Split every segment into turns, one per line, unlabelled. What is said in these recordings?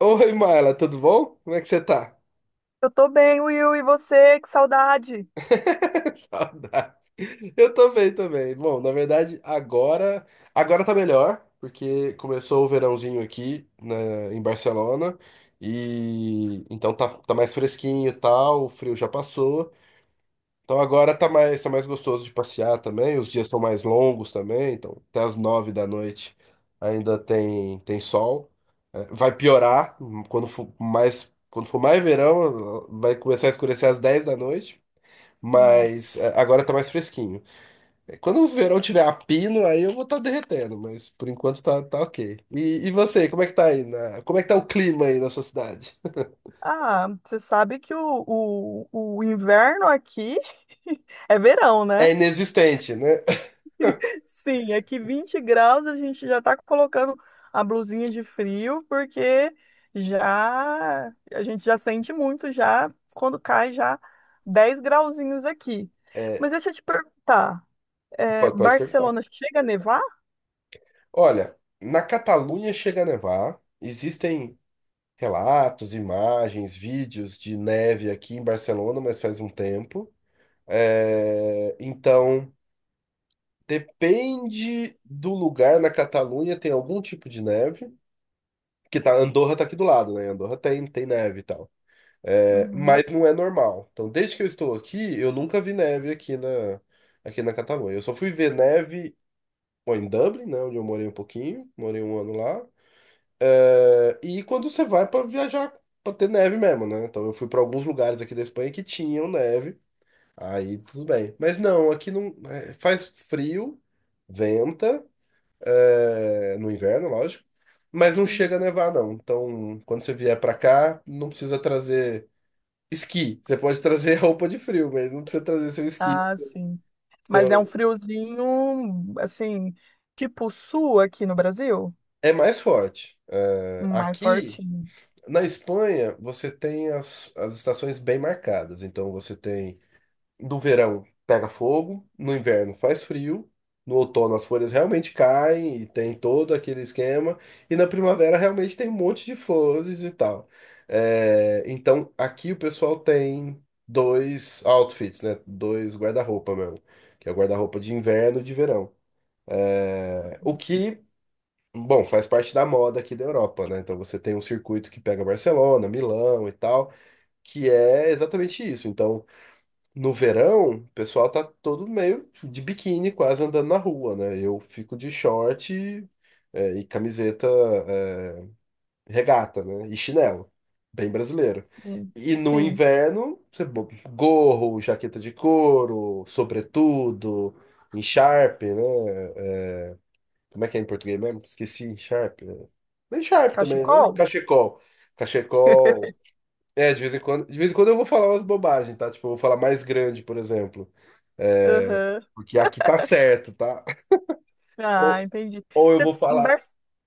Oi, Marla, tudo bom? Como é que você tá?
Eu tô bem, Will, e você? Que saudade!
Saudade. Eu tô bem também. Bom, na verdade, agora tá melhor, porque começou o verãozinho em Barcelona e então tá mais fresquinho e tal, o frio já passou. Então agora tá mais gostoso de passear também, os dias são mais longos também, então até as 9 da noite ainda tem sol. É, vai piorar, quando for mais verão, vai começar a escurecer às 10 da noite, mas
Nossa.
é, agora tá mais fresquinho. É, quando o verão tiver a pino, aí eu vou estar derretendo, mas por enquanto tá ok. E você, como é que tá aí? Como é que tá o clima aí na sua cidade?
Ah, você sabe que o inverno aqui é verão, né?
É inexistente, né?
Sim, aqui 20 graus a gente já tá colocando a blusinha de frio, porque já a gente já sente muito já quando cai já 10 grauzinhos aqui. Mas
É,
deixa eu te perguntar,
pode perguntar.
Barcelona chega a nevar?
Olha, na Catalunha chega a nevar. Existem relatos, imagens, vídeos de neve aqui em Barcelona, mas faz um tempo. É, então, depende do lugar na Catalunha, tem algum tipo de neve. Que tá, Andorra tá aqui do lado, né? Andorra tem neve e tal. É,
Uhum,
mas não é normal. Então, desde que eu estou aqui, eu nunca vi neve aqui na Catalunha. Eu só fui ver neve, bom, em Dublin, né? Onde eu morei um pouquinho, morei um ano lá. É, e quando você vai para viajar, para ter neve mesmo, né? Então eu fui para alguns lugares aqui da Espanha que tinham neve, aí tudo bem. Mas não, aqui não, é, faz frio, venta, é, no inverno, lógico, mas não
sim.
chega a nevar, não. Então quando você vier para cá, não precisa trazer esqui. Você pode trazer roupa de frio, mas não precisa trazer seu esqui.
Ah, sim. Mas é um
Seu...
friozinho, assim, tipo sul aqui no Brasil?
É mais forte. É,
Mais
aqui.
fortinho.
Na Espanha, você tem as estações bem marcadas. Então, você tem no verão pega fogo, no inverno faz frio, no outono as folhas realmente caem e tem todo aquele esquema, e na primavera realmente tem um monte de flores e tal. É, então aqui o pessoal tem dois outfits, né? Dois guarda-roupa mesmo, que é o guarda-roupa de inverno e de verão. Eh, O que, bom, faz parte da moda aqui da Europa, né? Então você tem um circuito que pega Barcelona, Milão e tal, que é exatamente isso. Então no verão, o pessoal tá todo meio de biquíni, quase andando na rua, né? Eu fico de short, é, e camiseta, é, regata, né? E chinelo. Bem brasileiro.
Sim.
E no
Sim.
inverno, você gorro, jaqueta de couro, sobretudo, encharpe, né? É, como é que é em português mesmo? Esqueci, encharpe, né? Bem encharpe também, né?
Cachecol?
Cachecol. Cachecol. É, de vez em quando, de vez em quando eu vou falar umas bobagens, tá? Tipo, eu vou falar mais grande, por exemplo. É,
Aham.
porque aqui tá certo, tá? Ou,
Ah, entendi.
eu
Você,
vou
em,
falar.
Bar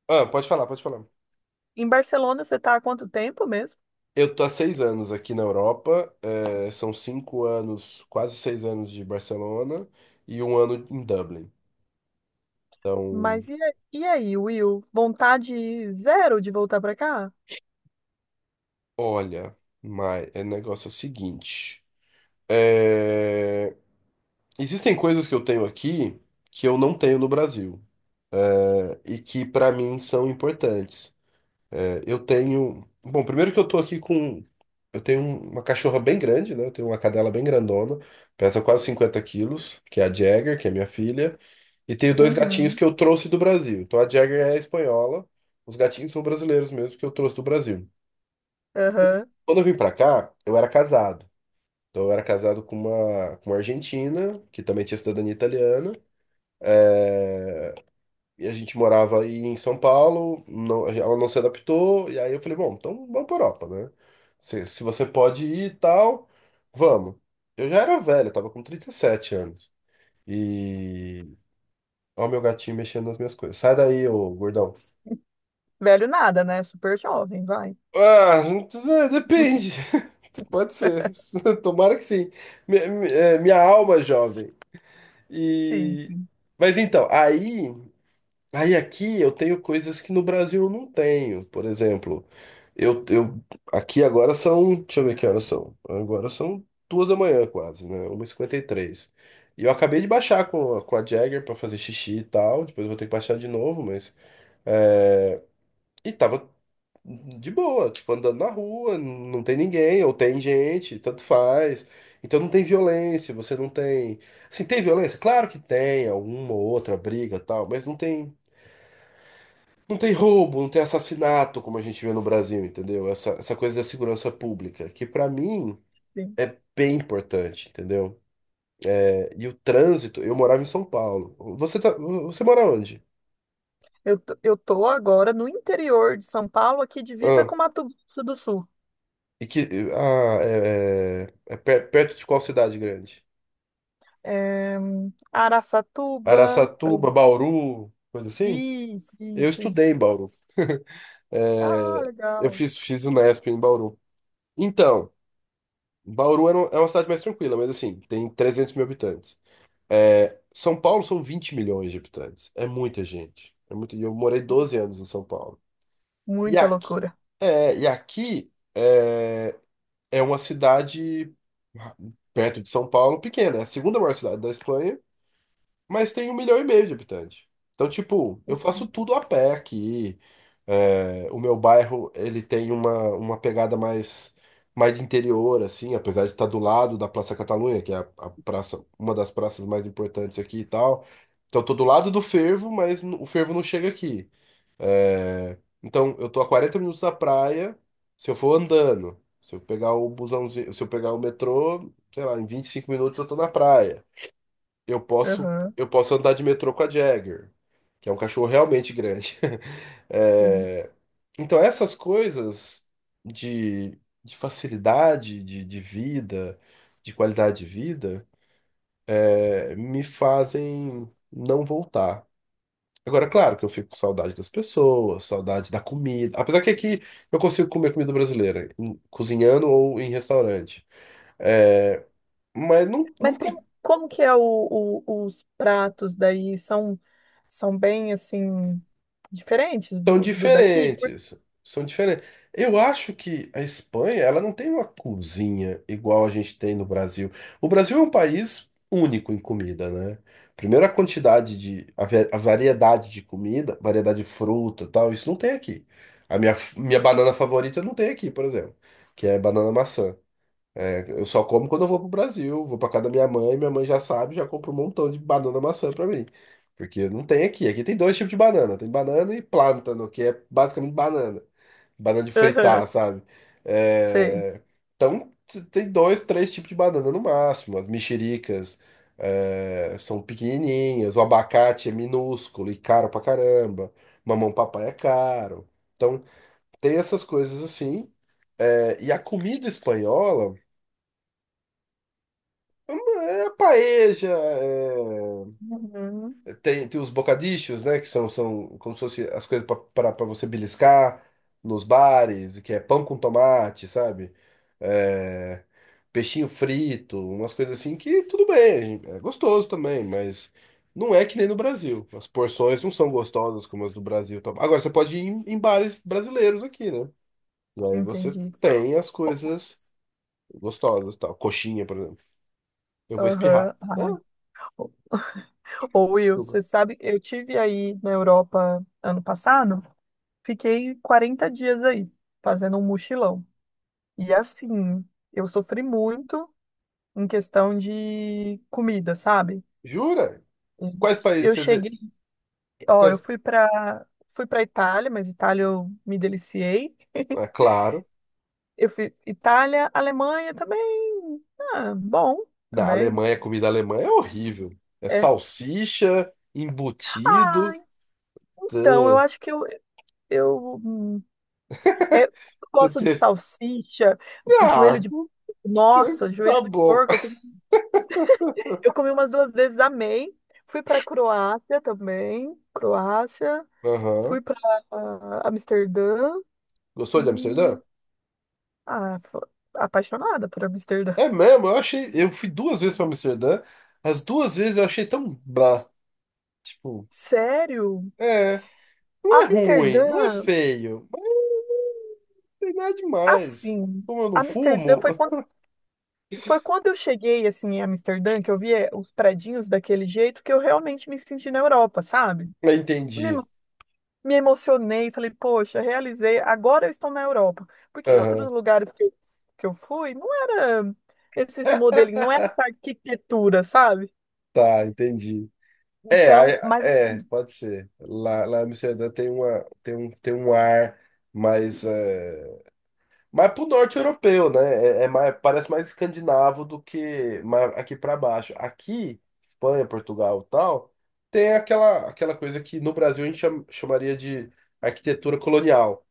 Ah, pode falar, pode falar.
Em Barcelona você tá há quanto tempo mesmo?
Eu tô há 6 anos aqui na Europa, é, são 5 anos, quase 6 anos de Barcelona e um ano em Dublin.
Mas e aí, Will? Vontade zero de voltar pra cá?
Olha, mas é negócio é o seguinte. É, existem coisas que eu tenho aqui que eu não tenho no Brasil, é, e que pra mim são importantes. É, eu tenho. Bom, primeiro que eu tô aqui com. Eu tenho uma cachorra bem grande, né? Eu tenho uma cadela bem grandona, pesa quase 50 quilos, que é a Jagger, que é minha filha. E tenho dois gatinhos
Uhum.
que eu trouxe do Brasil. Então a Jagger é espanhola, os gatinhos são brasileiros mesmo, que eu trouxe do Brasil.
Aham.
Quando eu vim pra cá, eu era casado. Então eu era casado com uma argentina, que também tinha cidadania italiana. E a gente morava aí em São Paulo, ela não se adaptou, e aí eu falei, bom, então vamos para Europa, né? Se você pode ir e tal, vamos. Eu já era velho, eu tava com 37 anos. E. Ó, o meu gatinho mexendo nas minhas coisas. Sai daí, ô gordão.
Velho nada, né? Super jovem, vai.
Ah, é, depende. Pode ser. Tomara que sim. Minha alma jovem.
Sim,
E.
sim,
Mas então, aí. Aí aqui eu tenho coisas que no Brasil eu não tenho. Por exemplo, eu aqui agora são, deixa eu ver que horas são. Agora são 2 da manhã quase, né? 1:53. E eu acabei de baixar com a Jagger pra fazer xixi e tal. Depois eu vou ter que baixar de novo, mas. E tava de boa, tipo, andando na rua, não tem ninguém, ou tem gente, tanto faz. Então não tem violência, você não tem. Assim, tem violência? Claro que tem, alguma ou outra briga e tal, mas não tem. Não tem roubo, não tem assassinato, como a gente vê no Brasil, entendeu? Essa coisa da segurança pública, que pra mim
sim.
é bem importante, entendeu? É, e o trânsito, eu morava em São Paulo. Você mora onde?
Eu tô agora no interior de São Paulo, aqui divisa
Ah,
com Mato Grosso do Sul.
e que, ah, é, é, é perto de qual cidade grande?
É, Araçatuba, Pre-
Araçatuba, Bauru, coisa assim?
isso,
Eu
isso,
estudei
isso.
em Bauru.
Ah,
É, eu
legal.
fiz Unesp em Bauru. Então, Bauru é uma cidade mais tranquila, mas assim, tem 300 mil habitantes. É, São Paulo são 20 milhões de habitantes. É muita gente. É muito... E eu morei 12 anos em São Paulo. E
Muita
aqui,
loucura.
é, é uma cidade perto de São Paulo, pequena. É a segunda maior cidade da Espanha, mas tem 1,5 milhão de habitantes. Então, tipo, eu faço tudo a pé aqui. É, o meu bairro, ele tem uma pegada mais, mais de interior, assim, apesar de estar do lado da Praça Catalunha, que é a praça, uma das praças mais importantes aqui e tal. Então, eu tô do lado do fervo, mas o fervo não chega aqui. É, então, eu tô a 40 minutos da praia, se eu for andando. Se eu pegar o busãozinho, se eu pegar o metrô, sei lá, em 25 minutos eu tô na praia. eu posso,
Aham,
eu posso andar de metrô com a Jagger, que é um cachorro realmente grande.
sim.
É, então, essas coisas de, de facilidade de vida, de qualidade de vida, é, me fazem não voltar. Agora, claro que eu fico com saudade das pessoas, saudade da comida. Apesar que aqui eu consigo comer comida brasileira, cozinhando ou em restaurante. É, mas não, não
Mas
tem.
como que é os pratos daí? São, são bem, assim, diferentes
São
do daqui?
diferentes. São diferentes. Eu acho que a Espanha, ela não tem uma cozinha igual a gente tem no Brasil. O Brasil é um país único em comida, né? Primeiro a quantidade de, a variedade de comida, variedade de fruta, e tal, isso não tem aqui. Minha banana favorita não tem aqui, por exemplo, que é banana maçã. Eu só como quando eu vou pro Brasil, vou pra casa da minha mãe já sabe, já compra um montão de banana maçã pra mim. Porque não tem aqui. Aqui tem dois tipos de banana. Tem banana e plântano, que é basicamente banana. Banana de fritar,
Aham,
sabe?
sei.
É, então, tem dois, três tipos de banana no máximo. As mexericas é, são pequenininhas, o abacate é minúsculo e caro pra caramba. Mamão papai é caro. Então, tem essas coisas assim. É, e a comida espanhola. É paeja,
Uhum,
é, tem os bocadichos, né? Que são como se fosse as coisas para você beliscar nos bares, que é pão com tomate, sabe? É, peixinho frito, umas coisas assim que tudo bem, é gostoso também, mas não é que nem no Brasil. As porções não são gostosas como as do Brasil. Então, agora você pode ir em bares brasileiros aqui, né? E aí você
entendi.
tem as coisas gostosas, tal. Coxinha, por exemplo. Eu vou espirrar.
Aham.
Ah,
Ah. Ô, Will,
desculpa.
você sabe, eu tive aí na Europa ano passado, fiquei 40 dias aí, fazendo um mochilão. E assim, eu sofri muito em questão de comida, sabe?
Jura? Quais países
Eu
você
cheguei
vê?
Ó, eu
Quais...
fui para Fui para Itália, mas Itália eu me deliciei.
É claro,
Eu fui Itália, Alemanha também. Ah, bom
na
também.
Alemanha, a comida alemã é horrível. É
É.
salsicha,
Ah,
embutido.
então eu
Tã,
acho que eu eu, hum, é, eu
tã,
gosto de
tã.
salsicha, joelho
Ah,
de
tã,
nossa,
tá
joelho de
bom.
porco. Eu comi umas duas vezes, amei. Fui para Croácia também, Croácia. Fui
Aham.
para Amsterdã.
Gostou de Amsterdã?
Hum, ah, fo- Apaixonada por Amsterdã.
É mesmo, eu achei. Eu fui duas vezes pra Amsterdã. As duas vezes eu achei tão blá. Tipo,
Sério?
é. Não é ruim, não é
Amsterdã,
feio, mas não tem nada demais.
assim,
Como eu não
Amsterdã
fumo.
foi quando, Foi quando eu cheguei, assim, em Amsterdã, que eu vi os predinhos daquele jeito, que eu realmente me senti na Europa, sabe?
Eu
Me,
entendi.
emo- Me emocionei, falei, poxa, realizei, agora eu estou na Europa. Porque em outros
Aham,
lugares que eu fui, não era esses modelos, não era essa arquitetura, sabe?
tá, entendi. É,
Então, mas assim,
pode ser. Lá em Amsterdã tem tem um ar mais, é, mais pro norte europeu, né? É mais, parece mais escandinavo do que mais aqui para baixo. Aqui, Espanha, Portugal, e tal, tem aquela coisa que no Brasil a gente chamaria de arquitetura colonial,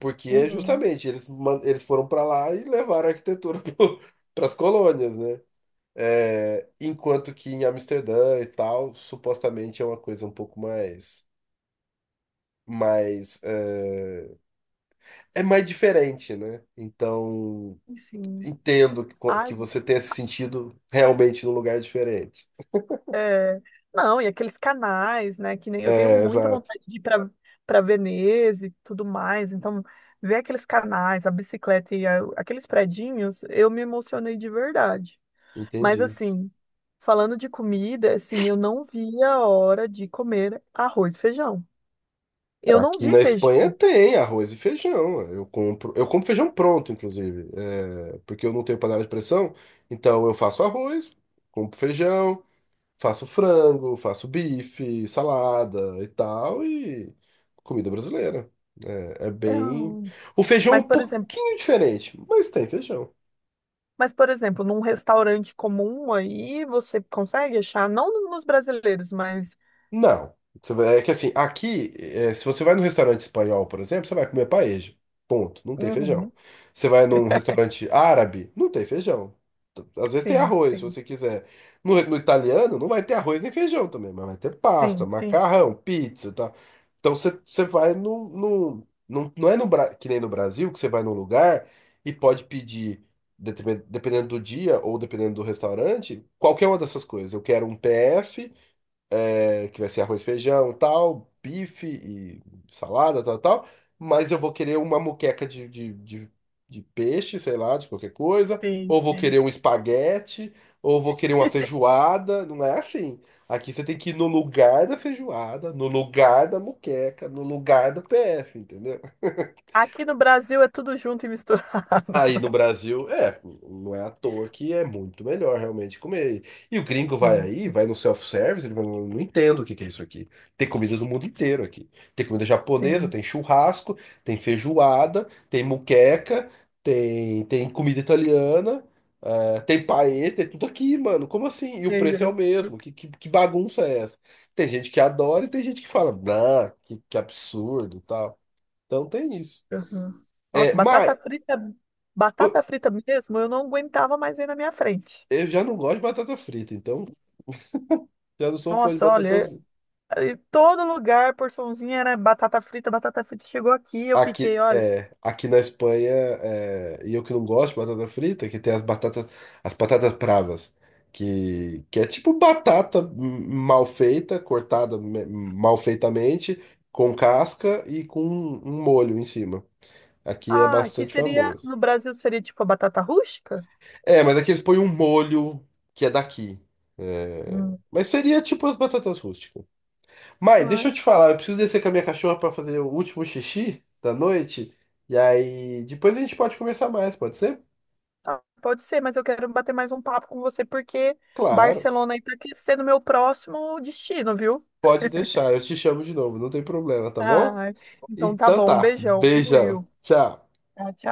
porque é
uhum,
justamente eles foram para lá e levaram a arquitetura para as colônias, né? É, enquanto que em Amsterdã e tal, supostamente é uma coisa um pouco mais, mais, é, é mais diferente, né? Então,
sim.
entendo que, que
Ai,
você tenha se sentido realmente num lugar diferente.
É, não, e aqueles canais, né? Que nem eu tenho
É,
muita
exato,
vontade de ir para Veneza e tudo mais. Então, ver aqueles canais, a bicicleta e aqueles predinhos, eu me emocionei de verdade. Mas
entendi.
assim, falando de comida, assim, eu não vi a hora de comer arroz e feijão. Eu não
Aqui
vi
na Espanha
feijão.
tem arroz e feijão. Eu compro feijão pronto, inclusive, é, porque eu não tenho panela de pressão, então eu faço arroz, compro feijão. Faço frango, faço bife, salada e tal, e comida brasileira. É bem.
Não.
O feijão é um
Mas, por exemplo,
pouquinho diferente, mas tem feijão.
mas, por exemplo, num restaurante comum aí, você consegue achar, não nos brasileiros, mas.
Não. É que assim, aqui, é, se você vai num restaurante espanhol, por exemplo, você vai comer paeja. Ponto. Não tem feijão.
Uhum,
Você vai num restaurante árabe, não tem feijão. Às vezes tem
sim,
arroz, se
sim,
você quiser. No italiano, não vai ter arroz nem feijão também, mas vai ter pasta,
sim, sim.
macarrão, pizza e tal. Então você vai no. Que nem no Brasil, que você vai num lugar e pode pedir, dependendo do dia ou dependendo do restaurante, qualquer uma dessas coisas. Eu quero um PF, é, que vai ser arroz, feijão, tal, bife e salada, tal, tal. Mas eu vou querer uma moqueca de peixe, sei lá, de qualquer coisa.
Sim,
Ou vou
sim.
querer um espaguete, ou vou querer uma feijoada. Não é assim. Aqui você tem que ir no lugar da feijoada, no lugar da moqueca, no lugar do PF, entendeu?
Aqui no Brasil é tudo junto e misturado.
Aí no Brasil, é, não é à toa que é muito melhor realmente comer. E o gringo vai
Sim,
aí, vai no self-service, ele vai, não, não entendo o que que é isso aqui. Tem comida do mundo inteiro aqui. Tem comida japonesa,
sim.
tem churrasco, tem feijoada, tem muqueca, tem comida italiana, eh, tem paella, tem tudo aqui, mano. Como assim? E
E
o
aí,
preço é o
eu-
mesmo. Que bagunça é essa? Tem gente que adora e tem gente que fala, não, que absurdo e tal. Então tem isso.
Uhum.
É,
Nossa,
mas.
batata frita mesmo, eu não aguentava mais ver na minha frente.
Eu já não gosto de batata frita, então já não sou fã de
Nossa,
batata
olha,
frita.
em todo lugar, porçãozinha era batata frita chegou aqui, eu
Aqui,
fiquei, olha,
é, aqui na Espanha, é, e eu que não gosto de batata frita, que tem as batatas bravas, que é tipo batata, mal feita, cortada mal feitamente, com casca e com um molho em cima. Aqui é
ah, que
bastante
seria,
famoso.
no Brasil seria tipo a batata rústica?
É, mas aqui eles põem um molho que é daqui. É,
Hum.
mas seria tipo as batatas rústicas.
Ai,
Deixa eu te falar, eu preciso descer com a minha cachorra para fazer o último xixi da noite. E aí, depois a gente pode conversar mais, pode ser?
ah, pode ser, mas eu quero bater mais um papo com você porque
Claro,
Barcelona aí tá aquecendo meu próximo destino, viu?
pode deixar, eu te chamo de novo, não tem problema, tá bom?
Ai, então tá
Então
bom, um
tá,
beijão, viu,
beijão,
Will?
tchau.
Tchau, tchau.